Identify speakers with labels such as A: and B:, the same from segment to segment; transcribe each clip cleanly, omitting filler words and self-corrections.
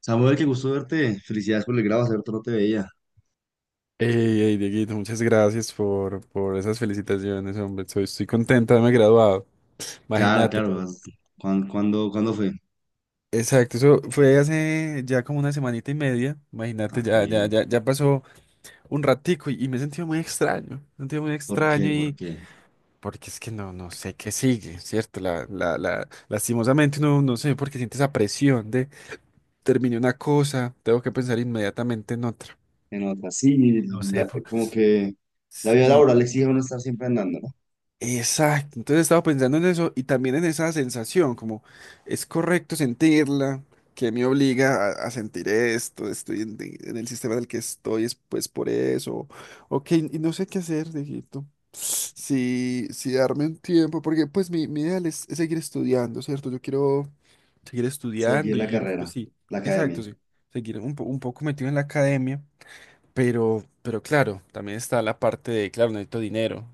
A: Samuel, qué gusto verte. Felicidades por el grado, hace rato no te veía.
B: Dieguito, muchas gracias por esas felicitaciones, hombre. Estoy contenta de haberme graduado.
A: Claro,
B: Imagínate,
A: claro.
B: pero-
A: ¿Cuándo fue?
B: Exacto, eso fue hace ya como una semanita y media.
A: Ah,
B: Imagínate,
A: qué
B: ya, ya,
A: bien.
B: ya, ya pasó un ratico y me he sentido muy extraño. Me he sentido muy
A: ¿Por
B: extraño
A: qué? ¿Por
B: y
A: qué?
B: porque es que no sé qué sigue, ¿cierto? Lastimosamente no sé por qué siente esa presión de terminé una cosa, tengo que pensar inmediatamente en otra.
A: Se nota, sí,
B: No sé,
A: como que la vida
B: pues.
A: laboral exige a uno estar siempre andando, ¿no?
B: Exacto, entonces estaba pensando en eso y también en esa sensación, como es correcto sentirla, que me obliga a sentir esto, estoy en el sistema en el que estoy, es pues por eso, ok, y no sé qué hacer, viejito, si darme un tiempo, porque pues mi ideal es seguir estudiando, ¿cierto? Yo quiero seguir
A: Seguir
B: estudiando
A: la
B: y
A: carrera,
B: pues sí,
A: la academia,
B: exacto, sí, seguir un, un poco metido en la academia, pero claro, también está la parte de, claro, necesito dinero,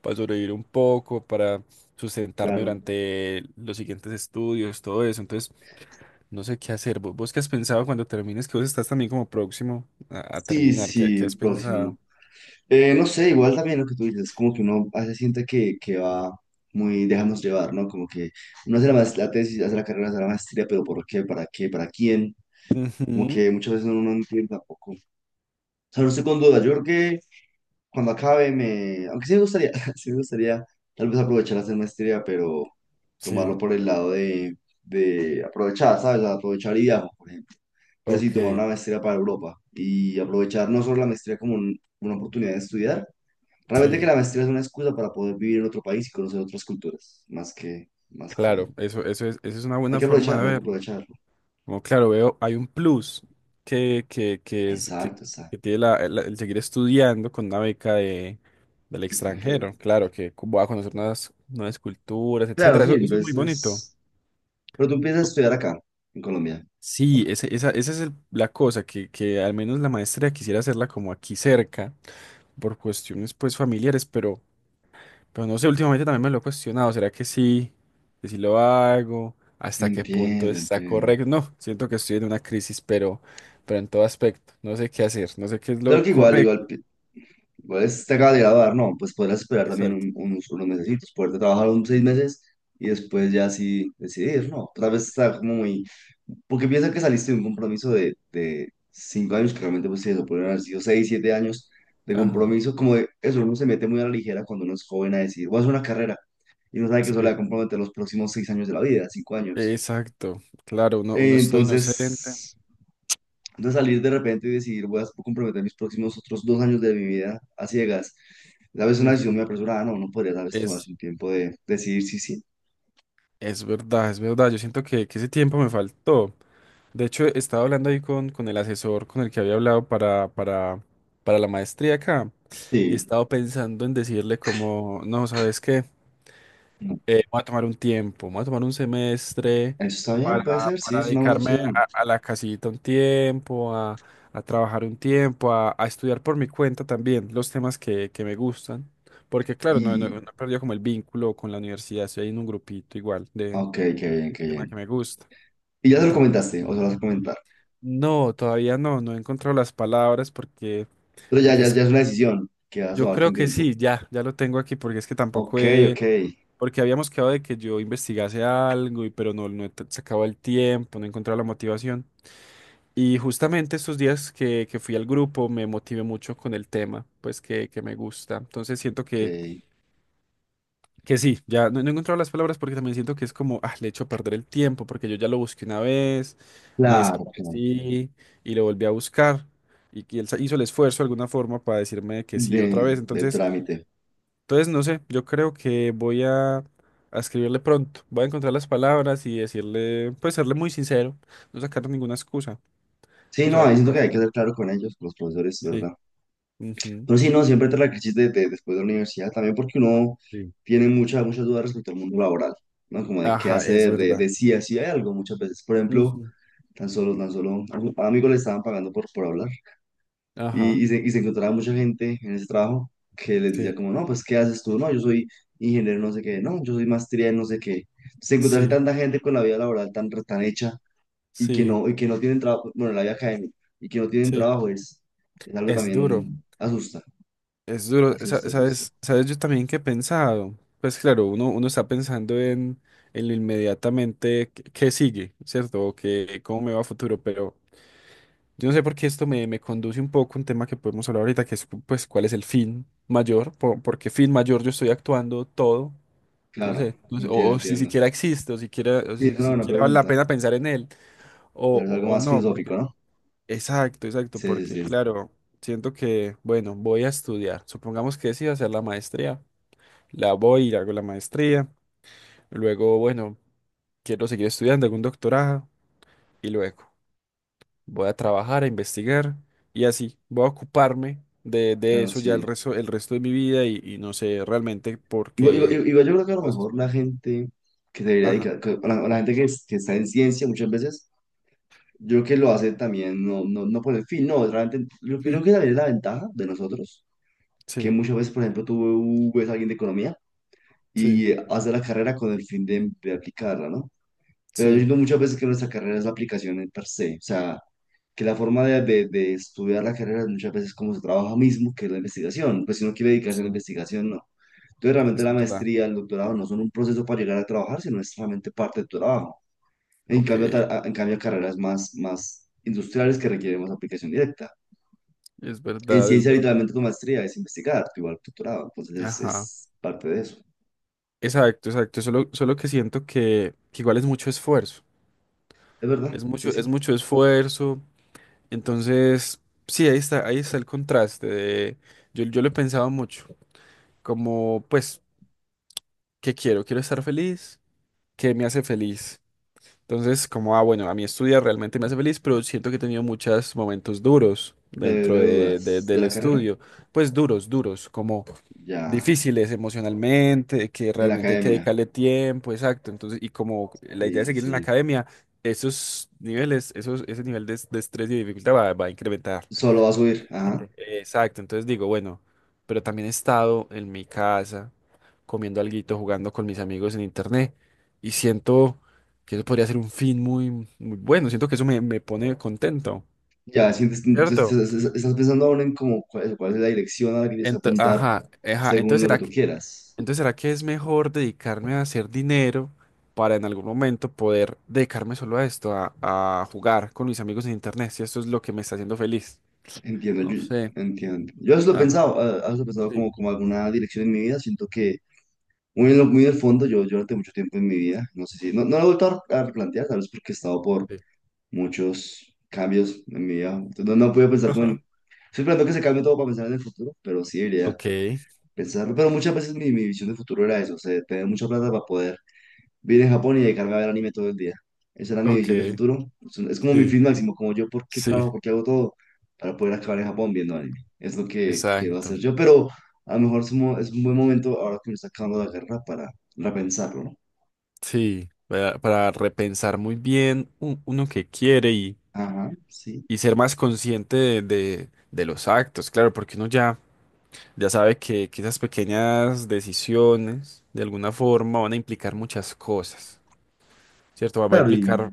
B: para sobrevivir un poco, para sustentarme
A: claro.
B: durante los siguientes estudios, todo eso. Entonces, no sé qué hacer. ¿Vos qué has pensado cuando termines? Que vos estás también como próximo a
A: Sí,
B: terminar. ¿Qué
A: sí,
B: has
A: próximo.
B: pensado?
A: No sé, igual también lo que tú dices, como que uno a veces siente que va muy, déjanos llevar, ¿no? Como que uno hace la tesis, hace la carrera, hace la maestría, pero ¿por qué? ¿Para qué? ¿Para quién? Como
B: Ujú.
A: que muchas veces uno no entiende tampoco, sea, no salirse con duda. Yo creo que cuando acabe me... Aunque sí me gustaría, sí me gustaría tal vez aprovechar a hacer maestría, pero
B: Sí,
A: tomarlo por el lado de aprovechar, ¿sabes? Aprovechar y viajar, por ejemplo. Pues sí, tomar
B: ok,
A: una maestría para Europa y aprovechar no solo la maestría como una oportunidad de estudiar, realmente que
B: sí,
A: la maestría es una excusa para poder vivir en otro país y conocer otras culturas, más que, más
B: claro,
A: que...
B: eso es una
A: Hay
B: buena
A: que
B: forma de
A: aprovecharlo, hay que
B: ver.
A: aprovecharlo.
B: Como claro, veo, hay un plus que es
A: Exacto,
B: que
A: exacto.
B: tiene el seguir estudiando con una beca de, del
A: Extranjero.
B: extranjero. Claro, que voy a conocer nuevas culturas,
A: Claro,
B: etcétera.
A: sí,
B: Eso es muy bonito.
A: entonces... Pero tú empiezas a estudiar acá, en Colombia.
B: Sí, esa es la cosa, que al menos la maestría quisiera hacerla como aquí cerca, por cuestiones pues familiares, pero no sé, últimamente también me lo he cuestionado, ¿será que sí? ¿Que si lo hago? ¿Hasta qué punto
A: Entiendo,
B: está
A: entiendo.
B: correcto? No, siento que estoy en una crisis, pero en todo aspecto, no sé qué hacer, no sé qué es
A: Claro
B: lo
A: que igual,
B: correcto.
A: igual, te acaba de graduar, ¿no? Pues podrás esperar también
B: Exacto.
A: unos mesecitos, poderte trabajar unos 6 meses y después ya sí decidir, ¿no? Tal vez está como muy... Porque piensa que saliste de un compromiso de 5 años, que realmente pues sí, eso podrían haber sido 6, 7 años de
B: Ajá,
A: compromiso, como de eso, uno se mete muy a la ligera cuando uno es joven a decir, voy a hacer una carrera y no sabe que eso le va
B: sí.
A: a comprometer los próximos 6 años de la vida, 5 años.
B: Exacto, claro, uno estoy inocente.
A: Entonces... de salir de repente y decidir, voy a comprometer mis próximos otros 2 años de mi vida a ciegas. A veces una decisión
B: Ujú.
A: muy apresurada, no, no podría tal vez
B: Es,
A: tomarse un tiempo de decidir si sí,
B: es verdad, yo siento que ese tiempo me faltó. De hecho, estaba hablando ahí con el asesor con el que había hablado para la maestría acá y
A: sí,
B: estaba pensando en decirle como, no, ¿sabes qué?
A: no.
B: Voy a tomar un tiempo, voy a tomar un semestre
A: Eso está bien, puede ser, sí,
B: para
A: es una buena
B: dedicarme
A: opción.
B: a la casita un tiempo, a trabajar un tiempo, a estudiar por mi cuenta también los temas que me gustan. Porque claro, no
A: Y,
B: he perdido como el vínculo con la universidad, estoy ahí en un grupito igual de
A: ok, qué bien, qué
B: tema
A: bien.
B: que me gusta.
A: Y ya se lo comentaste, o se lo vas a comentar.
B: No, todavía no, no he encontrado las palabras porque,
A: Pero ya,
B: porque
A: ya, ya
B: sí,
A: es una decisión que vas a
B: yo
A: tomarte
B: creo
A: un
B: que
A: tiempo.
B: sí, ya lo tengo aquí porque es que
A: Ok,
B: tampoco he,
A: ok,
B: porque habíamos quedado de que yo investigase algo y pero no, sacado el tiempo, no he encontrado la motivación. Y justamente estos días que fui al grupo me motivé mucho con el tema, pues que me gusta. Entonces siento
A: ok.
B: que sí, ya no, no he encontrado las palabras porque también siento que es como, ah, le echo a perder el tiempo porque yo ya lo busqué una vez, me
A: Claro, claro.
B: desaparecí y lo volví a buscar y, que hizo el esfuerzo de alguna forma para decirme que sí otra
A: De,
B: vez.
A: del
B: Entonces,
A: trámite.
B: entonces no sé, yo creo que voy a escribirle pronto, voy a encontrar las palabras y decirle, pues serle muy sincero, no sacar ninguna excusa.
A: Sí,
B: Vamos a
A: no,
B: ver
A: ahí
B: qué
A: siento que
B: pasa.
A: hay que ser claro con ellos, con los profesores,
B: Sí.
A: ¿verdad?
B: Ujú.
A: No, sí, no, siempre te la crisis después de la universidad, también porque uno
B: Sí.
A: tiene muchas dudas respecto al mundo laboral, ¿no? Como de qué
B: Ajá, es
A: hacer,
B: verdad.
A: de si así hay algo muchas veces. Por ejemplo,
B: Ujú.
A: tan solo, a un amigo le estaban pagando por hablar
B: Ajá,
A: y se encontraba mucha gente en ese trabajo que les
B: sí,
A: decía como, no, pues, ¿qué haces tú? No, yo soy ingeniero no sé qué, no, yo soy maestría en no sé qué. Se encontrarse
B: sí,
A: tanta gente con la vida laboral tan, tan hecha
B: sí,
A: y que no tienen trabajo, bueno, la vida académica, y que no tienen
B: sí.
A: trabajo es algo
B: Es duro.
A: también asusta,
B: Es duro,
A: asusta, asusta.
B: ¿sabes? ¿Sabes yo también que he pensado? Pues claro, uno, uno está pensando en lo inmediatamente que sigue, ¿cierto? O que cómo me va a futuro, pero yo no sé por qué esto me, me conduce un poco a un tema que podemos hablar ahorita, que es pues cuál es el fin mayor, por qué fin mayor yo estoy actuando todo, no
A: Claro,
B: sé, no sé,
A: entiendo,
B: o si
A: entiendo.
B: siquiera existe, o siquiera, o
A: Sí,
B: si
A: es una buena
B: siquiera vale la
A: pregunta.
B: pena pensar en él,
A: La verdad, algo
B: o
A: más
B: no,
A: filosófico, ¿no?
B: exacto, exacto,
A: Sí, sí,
B: porque
A: sí.
B: claro, siento que, bueno, voy a estudiar. Supongamos que decido hacer la maestría. La voy y hago la maestría. Luego, bueno, quiero seguir estudiando, hago un doctorado. Y luego voy a trabajar, a investigar. Y así, voy a ocuparme de
A: Claro,
B: eso ya
A: sí.
B: el resto de mi vida y no sé realmente por
A: Igual,
B: qué
A: igual yo creo que a lo
B: cosas
A: mejor
B: me...
A: la gente que se debería
B: Ajá.
A: dedicar, o la gente que, que está en ciencia muchas veces, yo creo que lo hace también, no, no, no por el fin, no, realmente, yo creo
B: Sí.
A: que también es la ventaja de nosotros, que
B: Sí,
A: muchas veces, por ejemplo, tú ves a alguien de economía
B: sí,
A: y hace la carrera con el fin de aplicarla, ¿no? Pero yo
B: sí,
A: digo muchas veces que nuestra carrera es la aplicación en per se, o sea, que la forma de estudiar la carrera es muchas veces como se trabaja mismo, que es la investigación. Pues si uno quiere dedicarse a
B: sí,
A: la investigación, no. Entonces realmente
B: es
A: la
B: verdad.
A: maestría, el doctorado no son un proceso para llegar a trabajar, sino es realmente parte de tu trabajo. En
B: Ok,
A: cambio,
B: es
A: en cambio carreras más, más industriales que requieren más aplicación directa. En
B: verdad, es
A: ciencia,
B: verdad.
A: literalmente tu maestría es investigar, tu igual tu doctorado. Entonces
B: Ajá.
A: es parte de eso.
B: Exacto, exacto. Solo, solo que siento que igual es mucho esfuerzo.
A: Es verdad, sí,
B: Es
A: sí.
B: mucho esfuerzo. Entonces, sí, ahí está yo, yo lo he pensado mucho. Como, pues, ¿qué quiero? Quiero estar feliz. ¿Qué me hace feliz? Entonces, como, ah, bueno, a mí estudiar realmente me hace feliz, pero siento que he tenido muchos momentos duros dentro
A: De dudas de
B: del
A: la carrera,
B: estudio. Pues duros, duros, como
A: ya
B: difíciles emocionalmente, que
A: en la
B: realmente hay que
A: academia.
B: dedicarle tiempo, exacto. Entonces, y como la idea
A: Sí,
B: de
A: sí,
B: seguir en la
A: sí.
B: academia, esos niveles, esos, ese nivel de estrés y de dificultad va, va a incrementar.
A: Solo va a subir,
B: Sí.
A: ajá.
B: Exacto. Entonces digo, bueno, pero también he estado en mi casa comiendo alguito, jugando con mis amigos en internet. Y siento que eso podría ser un fin muy, muy bueno. Siento que eso me, me pone contento.
A: Ya, sientes, entonces
B: ¿Cierto?
A: estás estás pensando aún en cómo, cuál es la dirección a la que tienes que apuntar
B: Ajá, ajá.
A: según lo que tú quieras.
B: Entonces, ¿será que es mejor dedicarme a hacer dinero para en algún momento poder dedicarme solo a esto, a jugar con mis amigos en internet? Si esto es lo que me está haciendo feliz.
A: Entiendo, yo,
B: No sé.
A: entiendo. Yo eso lo he
B: Ajá.
A: pensado, eso lo he pensado
B: Sí,
A: como, como alguna dirección en mi vida. Siento que muy en, muy en el fondo, yo durante mucho tiempo en mi vida, no sé si, no, no lo he vuelto a replantear, tal vez porque he estado por
B: sí.
A: muchos cambios en mi vida. Entonces, no, no he podido pensar como en,
B: Ajá.
A: estoy esperando que se cambie todo para pensar en el futuro, pero sí debería
B: Ok,
A: pensarlo. Pero muchas veces mi visión de futuro era eso, o sea, tener mucha plata para poder Vine a Japón y dedicarme a ver anime todo el día. Esa era mi visión de
B: ok,
A: futuro. Es es como mi
B: sí,
A: fin máximo, como yo, ¿por qué
B: sí,
A: trabajo? ¿Por qué hago todo? Para poder acabar en Japón viendo anime. Es lo que quiero hacer
B: exacto.
A: yo, pero a lo mejor es un, es un buen momento ahora que me está acabando la guerra para repensarlo, ¿no?
B: Sí, para repensar muy bien uno que quiere
A: Ajá, sí.
B: y ser más consciente de los actos, claro, porque uno ya, ya sabe que esas pequeñas decisiones de alguna forma van a implicar muchas cosas, ¿cierto? Va, va a
A: Claro, y
B: implicar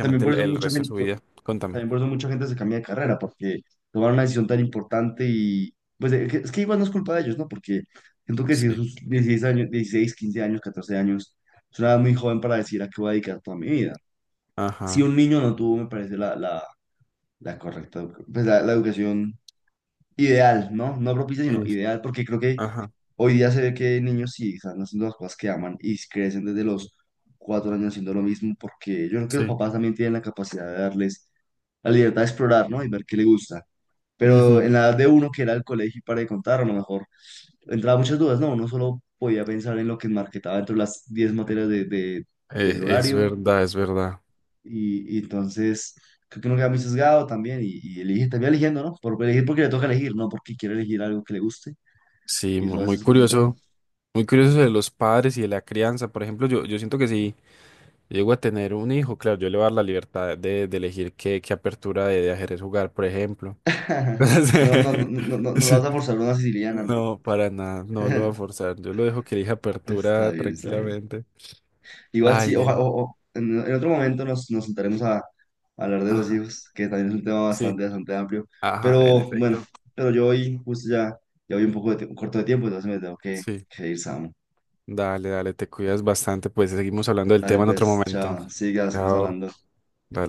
A: también por eso
B: el
A: mucha
B: resto de
A: gente.
B: su vida. Contame.
A: También por eso mucha gente se cambia de carrera, porque tomar una decisión tan importante y pues es que igual no es culpa de ellos, ¿no? Porque siento que si
B: Sí.
A: sus 16 años, 16 años, 15 años, 14 años, es una edad muy joven para decir a qué voy a dedicar toda mi vida. Si
B: Ajá.
A: un niño no tuvo, me parece la correcta, pues la educación ideal, ¿no? No propicia, sino
B: Sí.
A: ideal, porque creo que
B: Ajá.
A: hoy día se ve que niños sí están haciendo las cosas que aman y crecen desde los 4 años haciendo lo mismo, porque yo creo que los
B: Sí.
A: papás también tienen la capacidad de darles la libertad de explorar, ¿no? Y ver qué le gusta. Pero en
B: Ujú.
A: la edad de uno, que era el colegio y para de contar, a lo mejor entraba muchas dudas, ¿no? Uno solo podía pensar en lo que marketaba dentro de las 10 materias del
B: Es
A: horario
B: verdad, es verdad.
A: y entonces creo que uno queda muy sesgado también y elige, también eligiendo, ¿no? Por elegir porque le toca elegir, no porque quiere elegir algo que le guste
B: Sí,
A: y eso a
B: muy
A: veces es complicado.
B: curioso. Muy curioso de los padres y de la crianza. Por ejemplo, yo siento que sí. Llego a tener un hijo, claro, yo le voy a dar la libertad de elegir qué, qué apertura de ajedrez jugar, por ejemplo.
A: No, no, no, no, no, no
B: Sí.
A: vas a forzar una siciliana, no.
B: No, para nada, no lo voy a forzar. Yo lo dejo que elija
A: Está
B: apertura
A: bien, está bien.
B: tranquilamente.
A: Igual
B: Ay,
A: sí,
B: Diego.
A: en otro momento nos sentaremos a hablar de los
B: Ajá,
A: hijos, que también es un tema
B: sí,
A: bastante, bastante amplio.
B: ajá, en
A: Pero bueno,
B: efecto.
A: pero yo hoy justo ya voy un poco de corto de tiempo, entonces me tengo
B: Sí,
A: que ir, Sam.
B: dale, dale, te cuidas bastante. Pues seguimos hablando del
A: Dale
B: tema en otro
A: pues,
B: momento.
A: chao, seguimos
B: Chao.
A: hablando.
B: Dale.